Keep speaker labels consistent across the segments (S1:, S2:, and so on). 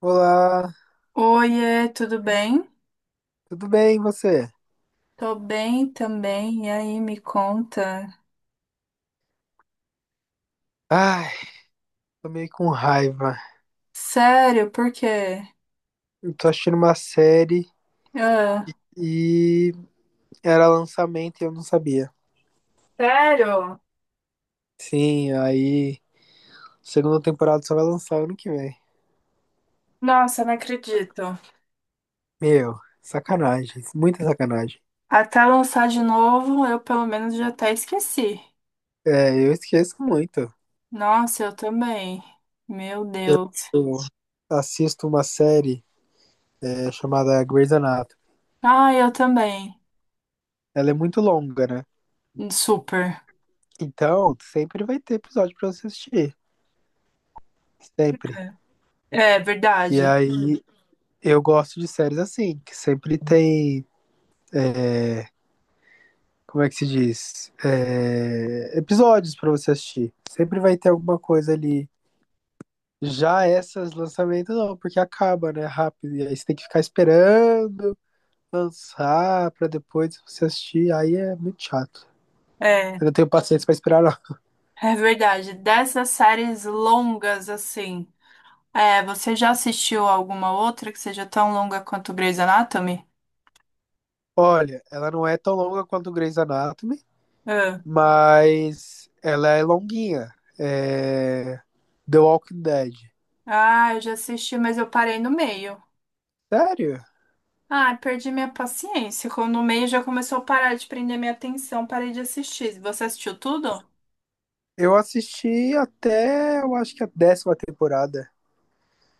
S1: Olá,
S2: Oiê, tudo bem?
S1: tudo bem e você?
S2: Tô bem também. E aí, me conta.
S1: Ai, tô meio com raiva.
S2: Sério, por quê?
S1: Eu tô assistindo uma série
S2: Ah,
S1: e era lançamento e eu não sabia.
S2: sério?
S1: Sim, aí segunda temporada só vai lançar ano que vem.
S2: Nossa, não acredito.
S1: Meu, sacanagem, muita sacanagem.
S2: Até lançar de novo, eu pelo menos já até esqueci.
S1: É, eu esqueço muito.
S2: Nossa, eu também. Meu
S1: Eu
S2: Deus.
S1: assisto uma série é, chamada Grey's Anatomy.
S2: Ah, eu também.
S1: Ela é muito longa, né?
S2: Super.
S1: Então, sempre vai ter episódio pra você assistir. Sempre.
S2: É
S1: E
S2: verdade.
S1: aí, eu gosto de séries assim, que sempre tem, como é que se diz? Episódios pra você assistir. Sempre vai ter alguma coisa ali. Já essas lançamentos não, porque acaba, né? Rápido. E aí você tem que ficar esperando lançar pra depois você assistir. Aí é muito chato.
S2: É,
S1: Eu não tenho paciência pra esperar, não.
S2: é verdade. Dessas séries longas assim. É, você já assistiu alguma outra que seja tão longa quanto Grey's Anatomy?
S1: Olha, ela não é tão longa quanto o Grey's Anatomy,
S2: Ah.
S1: mas ela é longuinha. É... The Walking Dead.
S2: Ah, eu já assisti, mas eu parei no meio.
S1: Sério?
S2: Ah, perdi minha paciência. Quando no meio já começou a parar de prender minha atenção, parei de assistir. Você assistiu tudo?
S1: Eu assisti até, eu acho que a décima temporada.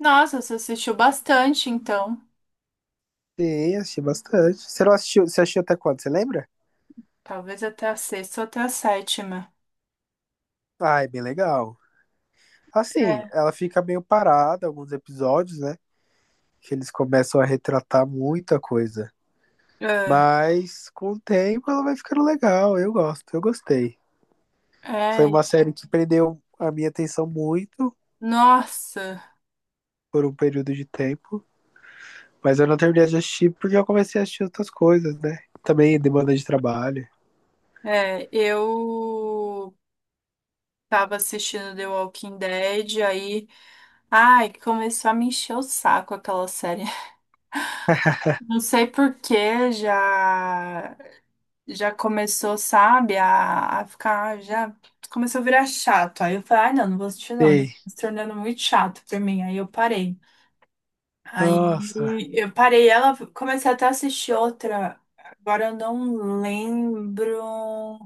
S2: Nossa, você assistiu bastante, então.
S1: Sim, assisti bastante. Você não assistiu, você assistiu até quando, você lembra?
S2: Talvez até a sexta ou até a sétima.
S1: Ah, é bem legal. Assim,
S2: É,
S1: ela fica meio parada, alguns episódios, né? Que eles começam a retratar muita coisa.
S2: é,
S1: Mas com o tempo ela vai ficando legal, eu gosto, eu gostei. Foi
S2: É.
S1: uma série que prendeu a minha atenção muito
S2: Nossa,
S1: por um período de tempo, mas eu não terminei de assistir porque eu comecei a assistir outras coisas, né? Também demanda de trabalho.
S2: é, eu tava assistindo The Walking Dead, aí, ai, começou a me encher o saco aquela série. Não sei por que já. Já começou, sabe, a ficar, já começou a virar chato. Aí eu falei, ah, não, não vou assistir não, já tá
S1: Ei,
S2: se tornando muito chato pra mim. Aí eu parei.
S1: nossa,
S2: Aí eu parei ela, comecei até a assistir outra. Agora eu não lembro.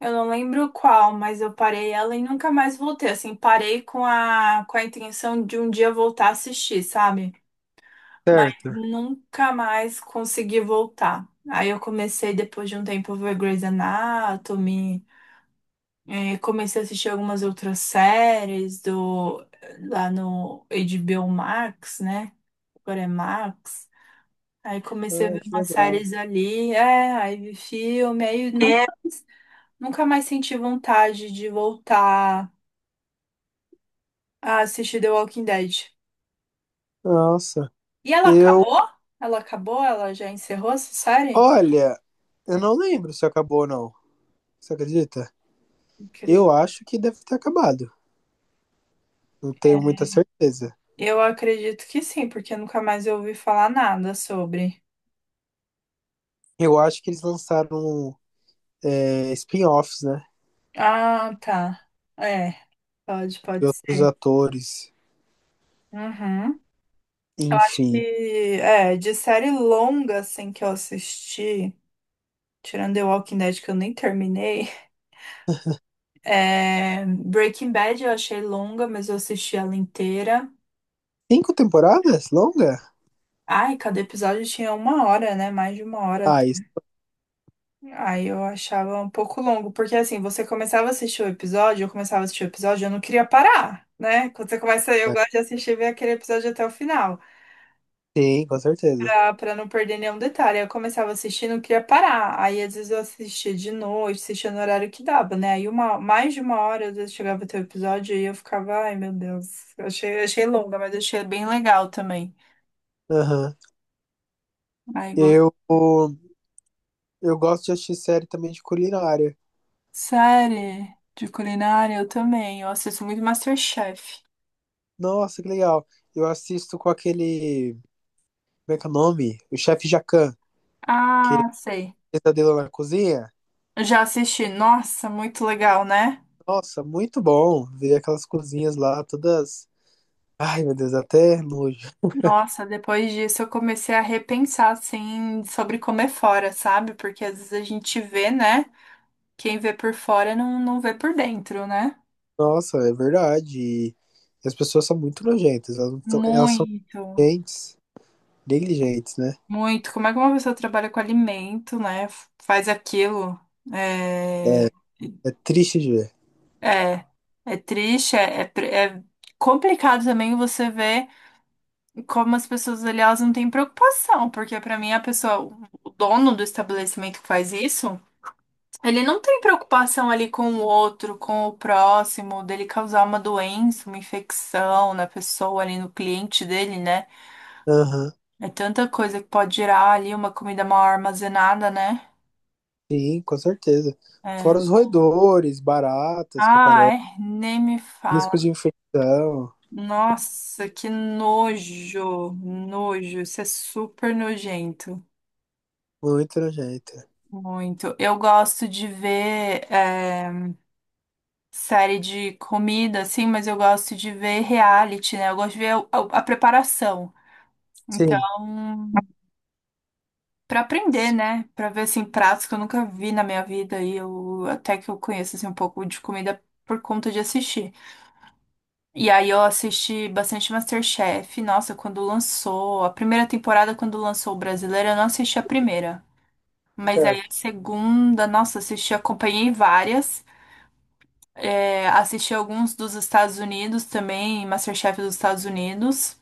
S2: Eu não lembro qual, mas eu parei ela e nunca mais voltei. Assim, parei com a intenção de um dia voltar a assistir, sabe? Mas
S1: certo.
S2: nunca mais consegui voltar. Aí eu comecei, depois de um tempo, a ver Grey's Anatomy, comecei a assistir algumas outras séries do, lá no HBO Max, né? Agora é Max. Aí comecei a
S1: Ai,
S2: ver
S1: que
S2: umas
S1: legal.
S2: séries ali, é, aí vi filme, aí nunca,
S1: É,
S2: mais- nunca mais senti vontade de voltar a assistir The Walking Dead.
S1: nossa,
S2: E ela
S1: eu
S2: acabou? Ela acabou? Ela já encerrou essa série?
S1: olha, eu não lembro se acabou ou não. Você acredita? Eu acho que deve ter acabado. Não tenho muita certeza.
S2: Eu acredito que sim, porque nunca mais eu ouvi falar nada sobre.
S1: Eu acho que eles lançaram, spin-offs, né?
S2: Ah, tá. É, pode,
S1: De
S2: pode
S1: outros
S2: ser.
S1: atores.
S2: Uhum. Eu acho que,
S1: Enfim.
S2: é, de série longa, assim, que eu assisti, tirando The Walking Dead, que eu nem terminei, é, Breaking Bad eu achei longa, mas eu assisti ela inteira.
S1: Cinco temporadas? Longa?
S2: Ai, cada episódio tinha uma hora, né? Mais de uma hora.
S1: Ah, isso.
S2: Aí eu achava um pouco longo, porque assim, você começava a assistir o episódio, eu começava a assistir o episódio, eu não queria parar, né? Quando você começa, eu
S1: Né?
S2: gosto de assistir e ver aquele episódio até o final,
S1: Sim, com certeza.
S2: pra não perder nenhum detalhe. Aí eu começava a assistir e não queria parar. Aí às vezes eu assistia de noite, assistia no horário que dava, né? Aí uma, mais de uma hora, às vezes chegava até o episódio e eu ficava, ai meu Deus, eu achei, achei longa, mas achei bem legal também.
S1: Aham.
S2: Aí gosto.
S1: Eu, eu gosto de assistir série também de culinária.
S2: Série de culinária, eu também, eu assisto muito MasterChef.
S1: Nossa, que legal. Eu assisto com aquele. Como é que é o nome? O chefe Jacan, que ele
S2: Ah, sei.
S1: fez a dele na cozinha.
S2: Eu já assisti. Nossa, muito legal, né?
S1: Nossa, muito bom ver aquelas cozinhas lá todas. Ai, meu Deus, até nojo.
S2: Nossa, depois disso eu comecei a repensar, assim, sobre comer fora, sabe? Porque às vezes a gente vê, né? Quem vê por fora não, não vê por dentro, né?
S1: Nossa, é verdade. E as pessoas são muito nojentas. Elas, não tão- elas são
S2: Muito,
S1: negligentes, negligentes, né?
S2: muito. Como é que uma pessoa trabalha com alimento, né? F- Faz aquilo. É,
S1: É triste de ver.
S2: é, é triste, é, é, pre- é complicado também você ver como as pessoas ali, elas não têm preocupação, porque pra mim a pessoa, o dono do estabelecimento que faz isso. Ele não tem preocupação ali com o outro, com o próximo, dele causar uma doença, uma infecção na pessoa ali, no cliente dele, né?
S1: Aham,
S2: É tanta coisa que pode gerar ali uma comida mal armazenada, né?
S1: sim, com certeza. Fora
S2: É.
S1: os roedores, baratas que
S2: Ah,
S1: aparecem,
S2: é? Nem me fala.
S1: risco de infecção.
S2: Nossa, que nojo, nojo. Isso é super nojento.
S1: Muito nojenta.
S2: Muito. Eu gosto de ver é, série de comida, assim, mas eu gosto de ver reality, né? Eu gosto de ver a preparação.
S1: Sim,
S2: Então, para aprender, né? Para ver assim pratos que eu nunca vi na minha vida e eu até que eu conheço assim um pouco de comida por conta de assistir. E aí eu assisti bastante MasterChef. Nossa, quando lançou a primeira temporada, quando lançou o brasileiro, eu não assisti a primeira. Mas aí a
S1: certo.
S2: segunda, nossa, assisti, acompanhei várias. É, assisti alguns dos Estados Unidos também, MasterChef dos Estados Unidos.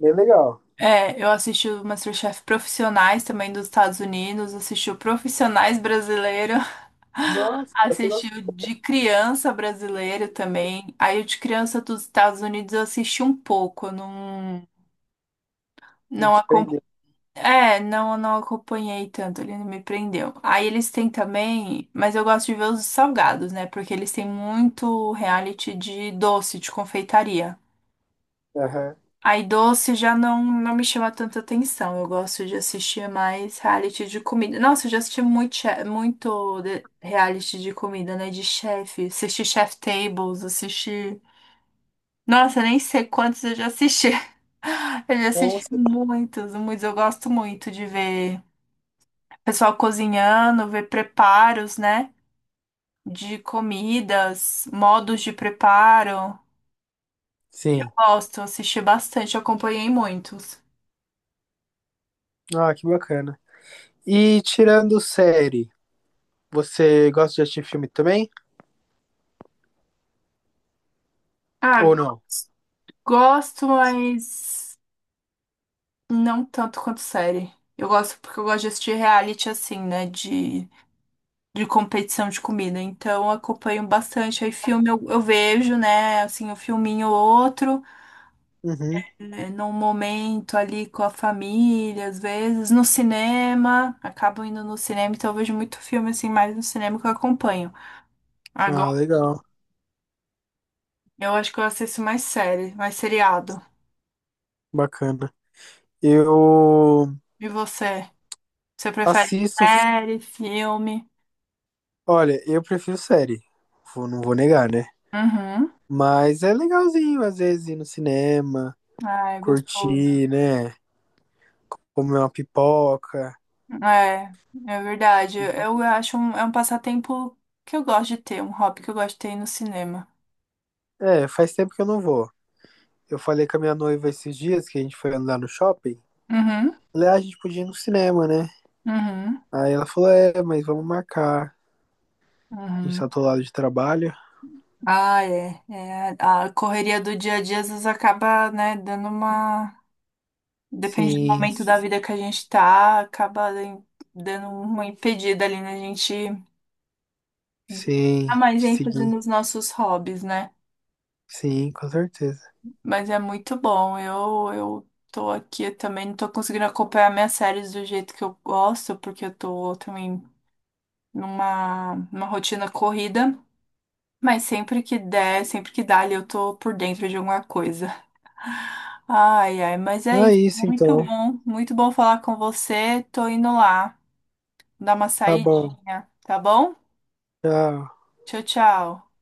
S1: Bem legal.
S2: É, eu assisti o MasterChef Profissionais também dos Estados Unidos, assisti o Profissionais brasileiro,
S1: Nossa, você
S2: assisti o
S1: gostou
S2: de criança brasileiro também. Aí o de criança dos Estados Unidos eu assisti um pouco, eu não
S1: de
S2: acompanhei.
S1: prender.
S2: É, não acompanhei tanto, ele não me prendeu. Aí eles têm também, mas eu gosto de ver os salgados, né? Porque eles têm muito reality de doce, de confeitaria.
S1: Aham.
S2: Aí doce já não, não me chama tanta atenção. Eu gosto de assistir mais reality de comida. Nossa, eu já assisti muito, che- muito de- reality de comida, né? De chefe. Assisti Chef Tables, assisti. Nossa, eu nem sei quantos eu já assisti. Eu já assisti
S1: Nossa.
S2: muitos, muitos. Eu gosto muito de ver pessoal cozinhando, ver preparos, né? De comidas, modos de preparo.
S1: Sim.
S2: Gosto, assisti bastante, acompanhei muitos.
S1: Ah, que bacana. E tirando série. Você gosta de assistir filme também?
S2: Ah,
S1: Ou não?
S2: gosto, mas não tanto quanto série. Eu gosto porque eu gosto de assistir reality assim, né? De competição de comida. Então eu acompanho bastante. Aí filme eu vejo, né? Assim, um filminho ou outro,
S1: Uhum.
S2: é, num momento ali com a família, às vezes, no cinema. Acabo indo no cinema, então eu vejo muito filme assim, mais no cinema que eu acompanho.
S1: Ah,
S2: Agora
S1: legal.
S2: eu acho que eu assisto mais série, mais seriado.
S1: Bacana. Eu
S2: E você? Você prefere
S1: assisto.
S2: série, filme?
S1: Olha, eu prefiro série. Não vou negar, né?
S2: Uhum.
S1: Mas é legalzinho, às vezes, ir no cinema,
S2: Ai, gostoso.
S1: curtir, né? Comer uma pipoca.
S2: É, é verdade. Eu acho um, é um passatempo que eu gosto de ter, um hobby que eu gosto de ter no cinema.
S1: É, faz tempo que eu não vou. Eu falei com a minha noiva esses dias que a gente foi andar no shopping.
S2: Uhum,
S1: Falei, ah, a gente podia ir no cinema, né?
S2: uhum,
S1: Aí ela falou, é, mas vamos marcar. A gente
S2: uhum.
S1: tá do lado de trabalho.
S2: Ah, é, é. A correria do dia a dia às vezes acaba, né, dando uma. Depende do
S1: Sim,
S2: momento da vida que a gente tá, acaba em- dando uma impedida ali na gente dar
S1: sim,
S2: mais
S1: te
S2: ênfase
S1: segui.
S2: nos nossos hobbies, né?
S1: Sim, com certeza.
S2: Mas é muito bom. Eu tô aqui eu também, não tô conseguindo acompanhar minhas séries do jeito que eu gosto, porque eu tô também numa, numa rotina corrida. Mas sempre que der, sempre que dá ali, eu tô por dentro de alguma coisa. Ai, ai, mas é
S1: Não é
S2: isso.
S1: isso então.
S2: Muito bom falar com você. Tô indo lá, dar uma
S1: Tá bom.
S2: saidinha, tá bom?
S1: Tchau.
S2: Tchau, tchau.